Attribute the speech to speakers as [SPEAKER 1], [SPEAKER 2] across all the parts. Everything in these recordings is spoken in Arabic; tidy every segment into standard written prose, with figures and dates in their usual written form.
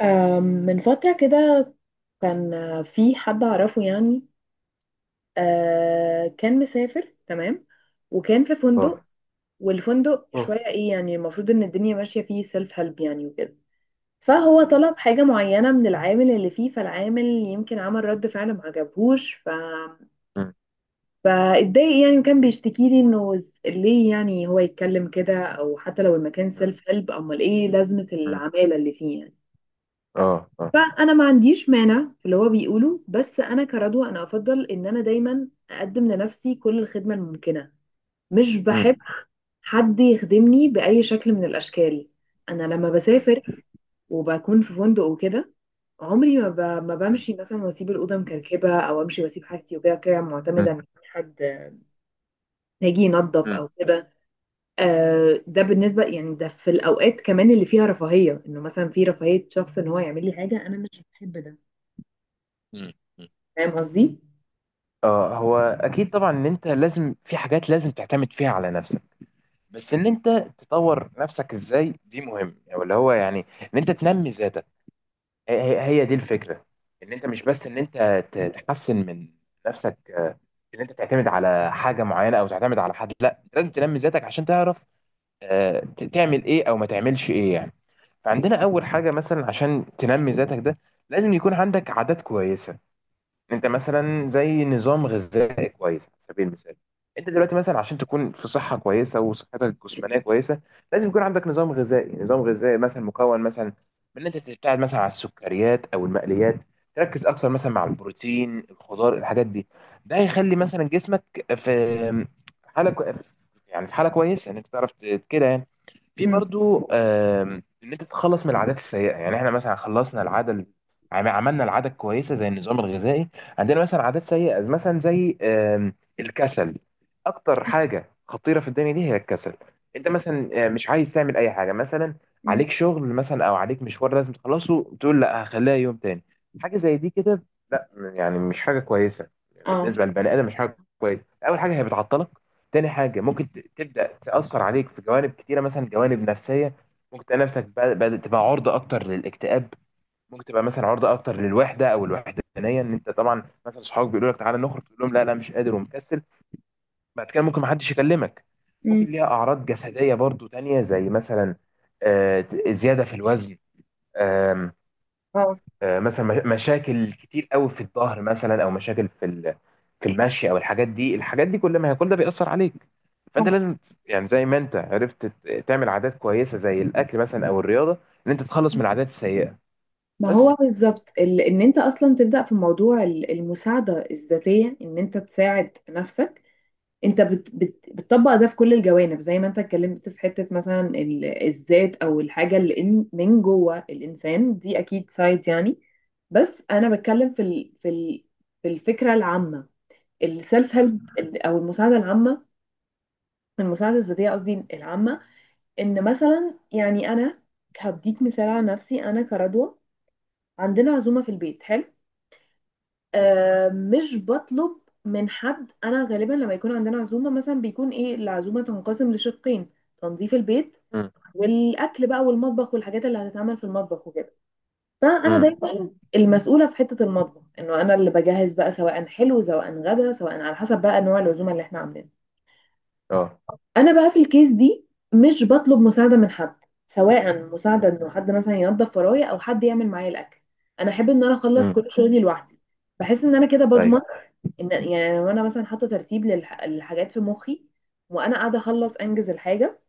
[SPEAKER 1] من فترة كده كان في حد أعرفه يعني، كان مسافر تمام، وكان في فندق.
[SPEAKER 2] اه.
[SPEAKER 1] والفندق
[SPEAKER 2] مم.
[SPEAKER 1] شوية إيه يعني، المفروض إن الدنيا ماشية فيه سيلف هيلب يعني وكده. فهو
[SPEAKER 2] مم.
[SPEAKER 1] طلب حاجة معينة من العامل اللي فيه، فالعامل يمكن عمل رد فعل ما عجبهوش
[SPEAKER 2] مم.
[SPEAKER 1] فاتضايق يعني، وكان بيشتكي لي إنه ليه يعني هو يتكلم كده، أو حتى لو المكان
[SPEAKER 2] مم.
[SPEAKER 1] سيلف هيلب أمال إيه لازمة
[SPEAKER 2] مم.
[SPEAKER 1] العمالة اللي فيه يعني.
[SPEAKER 2] اه. اه.
[SPEAKER 1] فانا ما عنديش مانع في اللي هو بيقوله، بس انا كردوه انا افضل ان انا دايما اقدم لنفسي كل الخدمه الممكنه. مش
[SPEAKER 2] مم.
[SPEAKER 1] بحب حد يخدمني باي شكل من الاشكال. انا لما
[SPEAKER 2] مم.
[SPEAKER 1] بسافر وبكون في فندق وكده، عمري ما, ب... ما
[SPEAKER 2] مم.
[SPEAKER 1] بمشي مثلا واسيب الاوضه مكركبه، او امشي واسيب حاجتي وكده كده معتمده
[SPEAKER 2] مم.
[SPEAKER 1] ان في حد هيجي ينظف
[SPEAKER 2] مم.
[SPEAKER 1] او كده. آه ده بالنسبه يعني ده في الاوقات كمان اللي فيها رفاهيه، انه مثلا في رفاهيه شخص ان هو يعمل لي حاجه، انا مش بحب ده.
[SPEAKER 2] مم. مم.
[SPEAKER 1] فاهم قصدي؟
[SPEAKER 2] اه. هو اكيد طبعا ان انت لازم في حاجات لازم تعتمد فيها على نفسك. بس ان انت تطور نفسك ازاي دي مهم، او اللي هو يعني ان انت تنمي ذاتك. هي دي الفكره. ان انت مش بس ان انت تحسن من نفسك. ان انت تعتمد على حاجه معينه او تعتمد على حد، لا انت لازم تنمي ذاتك عشان تعرف تعمل ايه او ما تعملش ايه يعني. فعندنا اول حاجه مثلا عشان تنمي ذاتك ده لازم يكون عندك عادات كويسه. انت مثلا زي نظام غذائي كويس على سبيل المثال. انت دلوقتي مثلا عشان تكون في صحه كويسه وصحتك الجسمانيه كويسه لازم يكون عندك نظام غذائي مثلا، مكون مثلا من ان انت تبتعد مثلا عن السكريات او المقليات، تركز اكثر مثلا مع البروتين الخضار الحاجات دي. ده هيخلي مثلا جسمك في حاله كو- يعني في حاله كويسه ان انت تعرف كده يعني. في برضو ان انت تتخلص من العادات السيئه. يعني احنا مثلا خلصنا العاده ال- عم- عملنا العاده الكويسه زي النظام الغذائي. عندنا مثلا عادات سيئه مثلا زي الكسل. اكتر حاجه خطيره في الدنيا دي هي الكسل. انت مثلا مش عايز تعمل اي حاجه، مثلا
[SPEAKER 1] مم.
[SPEAKER 2] عليك شغل مثلا او عليك مشوار لازم تخلصه، تقول لا هخليها يوم تاني. حاجه زي دي كده لا، يعني مش حاجه كويسه.
[SPEAKER 1] اه.
[SPEAKER 2] بالنسبه للبني ادم مش حاجه كويسه. اول حاجه هي بتعطلك. تاني حاجة ممكن تبدأ تأثر عليك في جوانب كتيرة، مثلا جوانب نفسية. ممكن تلاقي نفسك بدأت تبقى عرضة أكتر للاكتئاب. ممكن تبقى مثلا عرضة أكتر للوحدة أو الوحدانية، إن أنت طبعا مثلا صحابك بيقولوا لك تعالى نخرج، تقول لهم لا لا مش قادر ومكسل. بعد كده ممكن محدش يكلمك.
[SPEAKER 1] مم.
[SPEAKER 2] ممكن ليها أعراض جسدية برضو تانية زي مثلا زيادة في الوزن. آم،
[SPEAKER 1] اه.
[SPEAKER 2] مثلا مشاكل كتير قوي في الظهر مثلا، أو مشاكل في المشي أو الحاجات دي. كل ما هي كل ده بيأثر عليك. فانت
[SPEAKER 1] آه.
[SPEAKER 2] لازم يعني زي ما انت عرفت تعمل عادات كويسه زي الاكل مثلا او الرياضه، ان انت تتخلص من العادات السيئه،
[SPEAKER 1] ما
[SPEAKER 2] بس.
[SPEAKER 1] هو بالظبط ان انت اصلا تبدا في موضوع المساعده الذاتيه، ان انت تساعد نفسك. انت بت بت بتطبق ده في كل الجوانب زي ما انت اتكلمت في حته مثلا الذات او الحاجه اللي من جوه الانسان دي، اكيد سايد يعني. بس انا بتكلم في ال في الفكره العامه، السيلف
[SPEAKER 2] مم.
[SPEAKER 1] هيلب او المساعده العامه، المساعده الذاتيه قصدي العامه. ان مثلا يعني انا هديك مثال على نفسي انا كردوة. عندنا عزومة في البيت، حلو.
[SPEAKER 2] مم.
[SPEAKER 1] آه مش بطلب من حد، انا غالبا لما يكون عندنا عزومة مثلا بيكون ايه، العزومة تنقسم لشقين: تنظيف البيت
[SPEAKER 2] مم.
[SPEAKER 1] والاكل بقى، والمطبخ والحاجات اللي هتتعمل في المطبخ وكده. فانا
[SPEAKER 2] امم.
[SPEAKER 1] دايما المسؤولة في حتة المطبخ، انه انا اللي بجهز بقى، سواء حلو سواء غدا سواء على حسب بقى نوع العزومة اللي احنا عاملينها.
[SPEAKER 2] اه.
[SPEAKER 1] انا بقى في الكيس دي مش بطلب مساعده من حد، سواء مساعده
[SPEAKER 2] مم.
[SPEAKER 1] انه حد مثلا ينظف ورايا او حد يعمل معايا الاكل. انا احب ان انا اخلص
[SPEAKER 2] امم.
[SPEAKER 1] كل شغلي لوحدي. بحس ان انا كده بضمن
[SPEAKER 2] ايوه.
[SPEAKER 1] ان، يعني لو انا مثلا حاطه ترتيب للحاجات في مخي وانا قاعده اخلص انجز الحاجه،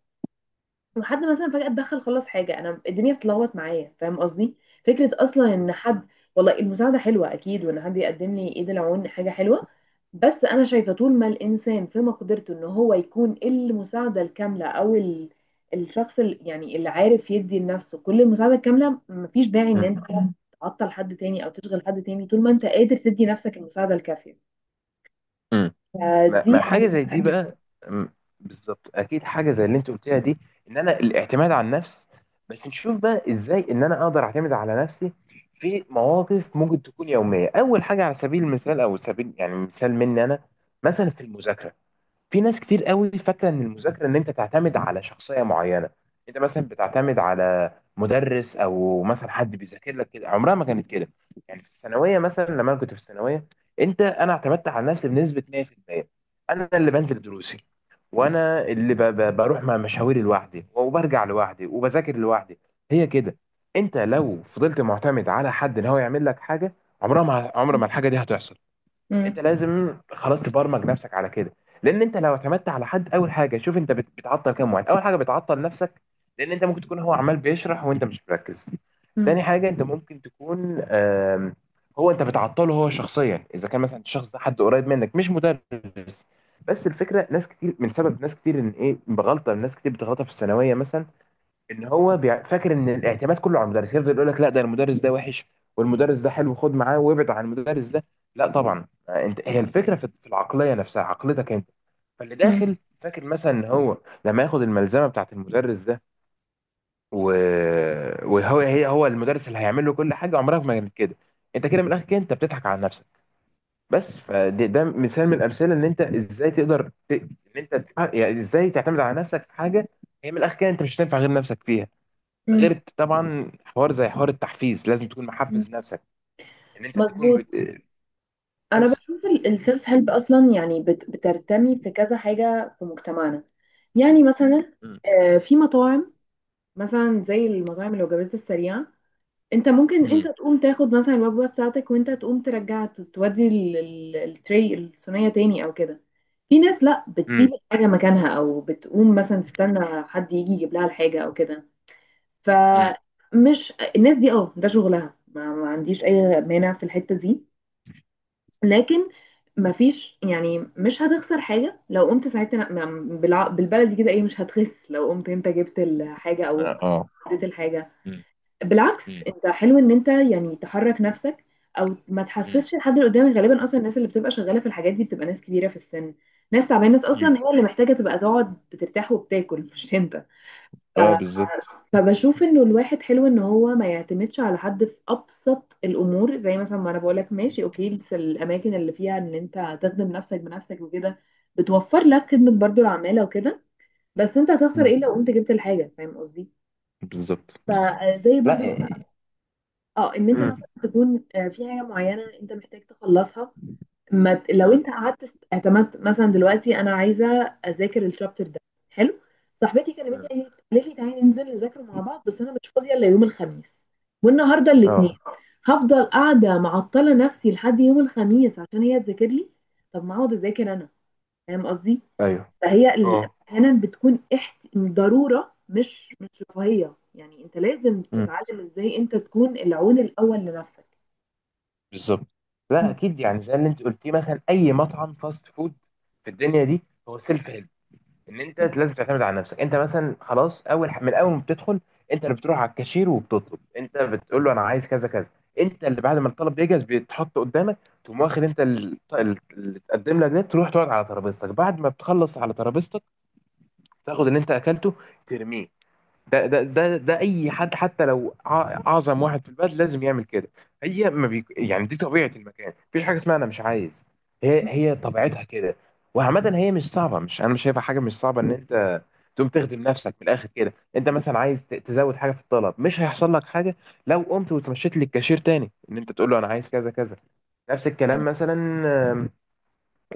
[SPEAKER 1] وحد مثلا فجأة اتدخل خلص حاجة، انا الدنيا بتلخبط معايا. فاهم قصدي؟ فكرة اصلا ان حد، والله المساعدة حلوة اكيد، وان حد يقدم لي ايد العون حاجة حلوة، بس انا شايفة طول ما الانسان في مقدرته ان هو يكون المساعدة الكاملة او ال... الشخص اللي يعني اللي عارف يدي لنفسه كل المساعدة الكاملة، مفيش داعي ان
[SPEAKER 2] امم.
[SPEAKER 1] انت تعطل حد تاني او تشغل حد تاني طول ما انت قادر تدي نفسك المساعدة الكافية.
[SPEAKER 2] امم. ما
[SPEAKER 1] فدي
[SPEAKER 2] حاجه
[SPEAKER 1] حاجة.
[SPEAKER 2] زي دي بقى. أم، بالظبط اكيد حاجه زي اللي انت قلتها دي. ان انا الاعتماد على النفس. بس نشوف بقى ازاي ان انا اقدر اعتمد على نفسي في مواقف ممكن تكون يوميه. اول حاجه على سبيل المثال، او سبيل يعني مثال مني انا، مثلا في المذاكره. في ناس كتير قوي فاكره ان المذاكره ان انت تعتمد على شخصيه معينه. انت مثلا بتعتمد على مدرس، او مثلا حد بيذاكر لك كده. عمرها ما كانت كده. يعني في الثانويه مثلا، لما انا كنت في الثانويه انا اعتمدت على نفسي بنسبه 100%. انا اللي بنزل دروسي، وانا اللي بروح مع مشاويري لوحدي وبرجع لوحدي وبذاكر لوحدي. هي كده. انت لو فضلت معتمد على حد ان هو يعمل لك حاجه، عمر ما الحاجه دي هتحصل. انت
[SPEAKER 1] مم.
[SPEAKER 2] لازم خلاص تبرمج نفسك على كده. لان انت لو اعتمدت على حد، اول حاجه، شوف انت بتعطل كام واحد. اول حاجه بتعطل نفسك، لان انت ممكن تكون هو عمال بيشرح وانت مش مركز. تاني
[SPEAKER 1] مم.
[SPEAKER 2] حاجه انت ممكن تكون هو انت بتعطله هو شخصيا، اذا كان مثلا الشخص ده حد قريب منك مش مدرس. بس الفكره ناس كتير، من سبب ناس كتير ان ايه، بغلطه ناس كتير بتغلطها في الثانويه مثلا، ان هو فاكر ان الاعتماد كله على المدرس. يفضل يقول لك لا، ده المدرس ده وحش، والمدرس ده حلو، خد معاه وابعد عن المدرس ده. لا طبعا. انت هي الفكره في العقليه نفسها، عقلتك انت. فاللي
[SPEAKER 1] مم.
[SPEAKER 2] داخل فاكر مثلا ان هو لما ياخد الملزمه بتاعت المدرس ده و... وهو هي هو المدرس اللي هيعمل له كل حاجه، عمرها ما كانت كده. انت كده من الاخر كده انت بتضحك على نفسك، بس. فده مثال من الامثله ان انت ازاي تقدر ان انت يعني ازاي تعتمد على نفسك في حاجه. هي من الاخر كده انت مش هتنفع غير نفسك فيها،
[SPEAKER 1] مم.
[SPEAKER 2] غير طبعا حوار زي حوار التحفيز. لازم تكون محفز نفسك ان انت تكون
[SPEAKER 1] مظبوط. انا
[SPEAKER 2] بس.
[SPEAKER 1] بشوف السيلف هيلب اصلا يعني بترتمي في كذا حاجه في مجتمعنا، يعني مثلا
[SPEAKER 2] مم.
[SPEAKER 1] في مطاعم، مثلا زي المطاعم الوجبات السريعه. انت ممكن انت
[SPEAKER 2] مم.
[SPEAKER 1] تقوم تاخد مثلا الوجبه بتاعتك وانت تقوم ترجع تودي التري الصينيه تاني او كده. في ناس لا بتسيب
[SPEAKER 2] مم.
[SPEAKER 1] الحاجه مكانها، او بتقوم مثلا تستنى حد يجي يجيب لها الحاجه او كده.
[SPEAKER 2] مم.
[SPEAKER 1] فمش الناس دي اه ده شغلها، ما عنديش اي مانع في الحته دي. لكن مفيش يعني، مش هتخسر حاجة لو قمت ساعتها بالبلدي كده ايه، مش هتخس لو قمت انت جبت الحاجة او
[SPEAKER 2] اه. آه.
[SPEAKER 1] اديت الحاجة.
[SPEAKER 2] مم.
[SPEAKER 1] بالعكس،
[SPEAKER 2] مم.
[SPEAKER 1] انت حلو ان انت يعني تحرك نفسك، او ما
[SPEAKER 2] مم.
[SPEAKER 1] تحسسش الحد اللي قدامك. غالبا اصلا الناس اللي بتبقى شغالة في الحاجات دي بتبقى ناس كبيرة في السن، ناس تعبانة، ناس
[SPEAKER 2] مم.
[SPEAKER 1] اصلا هي اللي محتاجة تبقى تقعد بترتاح وبتاكل مش انت.
[SPEAKER 2] اه. بالظبط.
[SPEAKER 1] فبشوف انه الواحد حلو ان هو ما يعتمدش على حد في ابسط الامور، زي مثلا ما انا بقولك، ماشي اوكي الاماكن اللي فيها ان انت تخدم نفسك بنفسك وكده بتوفر لك خدمة برضو العمالة وكده، بس انت هتخسر
[SPEAKER 2] مم.
[SPEAKER 1] ايه لو قمت جبت الحاجة؟ فاهم قصدي؟
[SPEAKER 2] بالظبط. بالظبط.
[SPEAKER 1] فزي
[SPEAKER 2] لا
[SPEAKER 1] برضو مثلا
[SPEAKER 2] إيه.
[SPEAKER 1] اه ان انت
[SPEAKER 2] مم.
[SPEAKER 1] مثلا تكون في حاجة معينة انت محتاج تخلصها. ما ت- لو
[SPEAKER 2] مم.
[SPEAKER 1] انت قعدت اعتمدت، مثلا دلوقتي انا عايزه اذاكر الشابتر ده، حلو، صاحبتي كلمتني
[SPEAKER 2] مم.
[SPEAKER 1] قالت لي تعالي ننزل نذاكره مع بعض، بس انا مش فاضيه الا يوم الخميس والنهارده الاثنين،
[SPEAKER 2] اه.
[SPEAKER 1] هفضل قاعده معطله نفسي لحد يوم الخميس عشان هي تذاكر لي؟ طب ما اقعد اذاكر انا. فاهم قصدي؟
[SPEAKER 2] ايوه.
[SPEAKER 1] فهي ال-
[SPEAKER 2] اه.
[SPEAKER 1] احيانا بتكون ضروره، مش رفاهيه يعني. انت لازم
[SPEAKER 2] مم.
[SPEAKER 1] تتعلم ازاي انت تكون العون الاول لنفسك.
[SPEAKER 2] بالظبط. لا اكيد، يعني زي اللي انت قلتيه مثلا، اي مطعم فاست فود في الدنيا دي هو سيلف هيلب، ان انت لازم تعتمد على نفسك. انت مثلا خلاص من اول ما بتدخل انت اللي بتروح على الكاشير وبتطلب، انت بتقول له انا عايز كذا كذا. انت اللي بعد ما الطلب يجهز بيتحط قدامك تقوم واخد انت اللي اتقدم لك ده، تروح تقعد على ترابيزتك. بعد ما بتخلص على ترابيزتك تاخد اللي انت اكلته ترميه. ده اي حد حتى لو اعظم واحد في البلد لازم يعمل كده. هي ما بيك... يعني دي طبيعه المكان، مفيش حاجه اسمها انا مش عايز. هي طبيعتها كده. وعامه هي مش صعبه، مش انا مش شايفها حاجه مش صعبه ان انت تقوم تخدم نفسك. من الاخر كده انت مثلا عايز تزود حاجه في الطلب مش هيحصل لك حاجه لو قمت وتمشيت للكاشير تاني ان انت تقول له انا عايز كذا كذا. نفس الكلام مثلا. آم،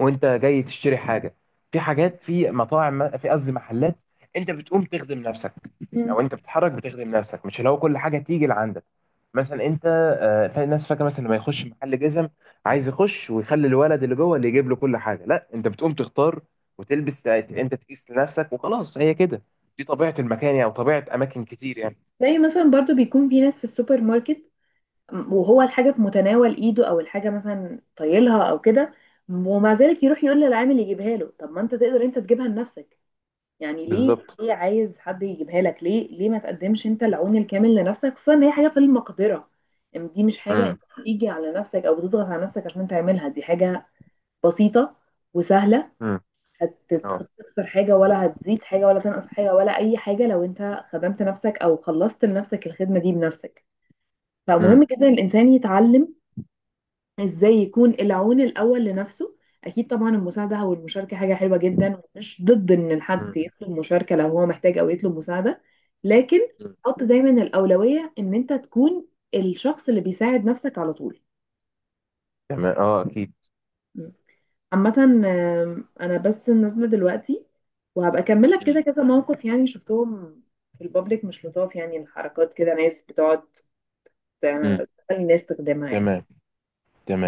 [SPEAKER 2] وانت جاي تشتري حاجه، في حاجات في مطاعم، في قصدي محلات، انت بتقوم تخدم نفسك، او انت بتتحرك بتخدم نفسك، مش اللي هو كل حاجه تيجي لعندك. مثلا انت الناس فاكره مثلا لما يخش محل جزم عايز يخش ويخلي الولد اللي جوه اللي يجيب له كل حاجه. لا، انت بتقوم تختار وتلبس، انت تقيس لنفسك وخلاص، هي كده. دي طبيعه المكان يعني، وطبيعه اماكن كتير يعني.
[SPEAKER 1] زي مثلا برضو بيكون في ناس في السوبر ماركت وهو الحاجة في متناول ايده او الحاجة مثلا طايلها او كده، ومع ذلك يروح يقول للعامل يجيبها له. طب ما انت تقدر انت تجيبها لنفسك، يعني ليه
[SPEAKER 2] بالظبط.
[SPEAKER 1] ليه عايز حد يجيبها لك، ليه ليه ما تقدمش انت العون الكامل لنفسك، خصوصا ان هي حاجة في المقدرة، ان دي مش حاجة
[SPEAKER 2] امم.
[SPEAKER 1] انت بتيجي على نفسك او بتضغط على نفسك عشان تعملها، دي حاجة بسيطة وسهلة.
[SPEAKER 2] امم. اه.
[SPEAKER 1] هتخسر حاجة ولا هتزيد حاجة ولا تنقص حاجة ولا اي حاجة، لو انت خدمت نفسك او خلصت لنفسك الخدمة دي بنفسك.
[SPEAKER 2] امم.
[SPEAKER 1] فمهم جدا الإنسان يتعلم إزاي يكون العون الأول لنفسه. أكيد طبعا المساعدة أو المشاركة حاجة حلوة جدا، ومش ضد إن الحد
[SPEAKER 2] امم.
[SPEAKER 1] يطلب مشاركة لو هو محتاج أو يطلب مساعدة، لكن حط دايما الأولوية إن أنت تكون الشخص اللي بيساعد نفسك على طول.
[SPEAKER 2] تمام. اه اكيد.
[SPEAKER 1] م. عامة أنا بس نازلة دلوقتي وهبقى أكملك كده
[SPEAKER 2] امم.
[SPEAKER 1] كذا موقف يعني شفتهم في البابليك مش لطاف يعني، الحركات كده ناس بتقعد
[SPEAKER 2] امم.
[SPEAKER 1] تخلي الناس تخدمها يعني.
[SPEAKER 2] تمام. تمام.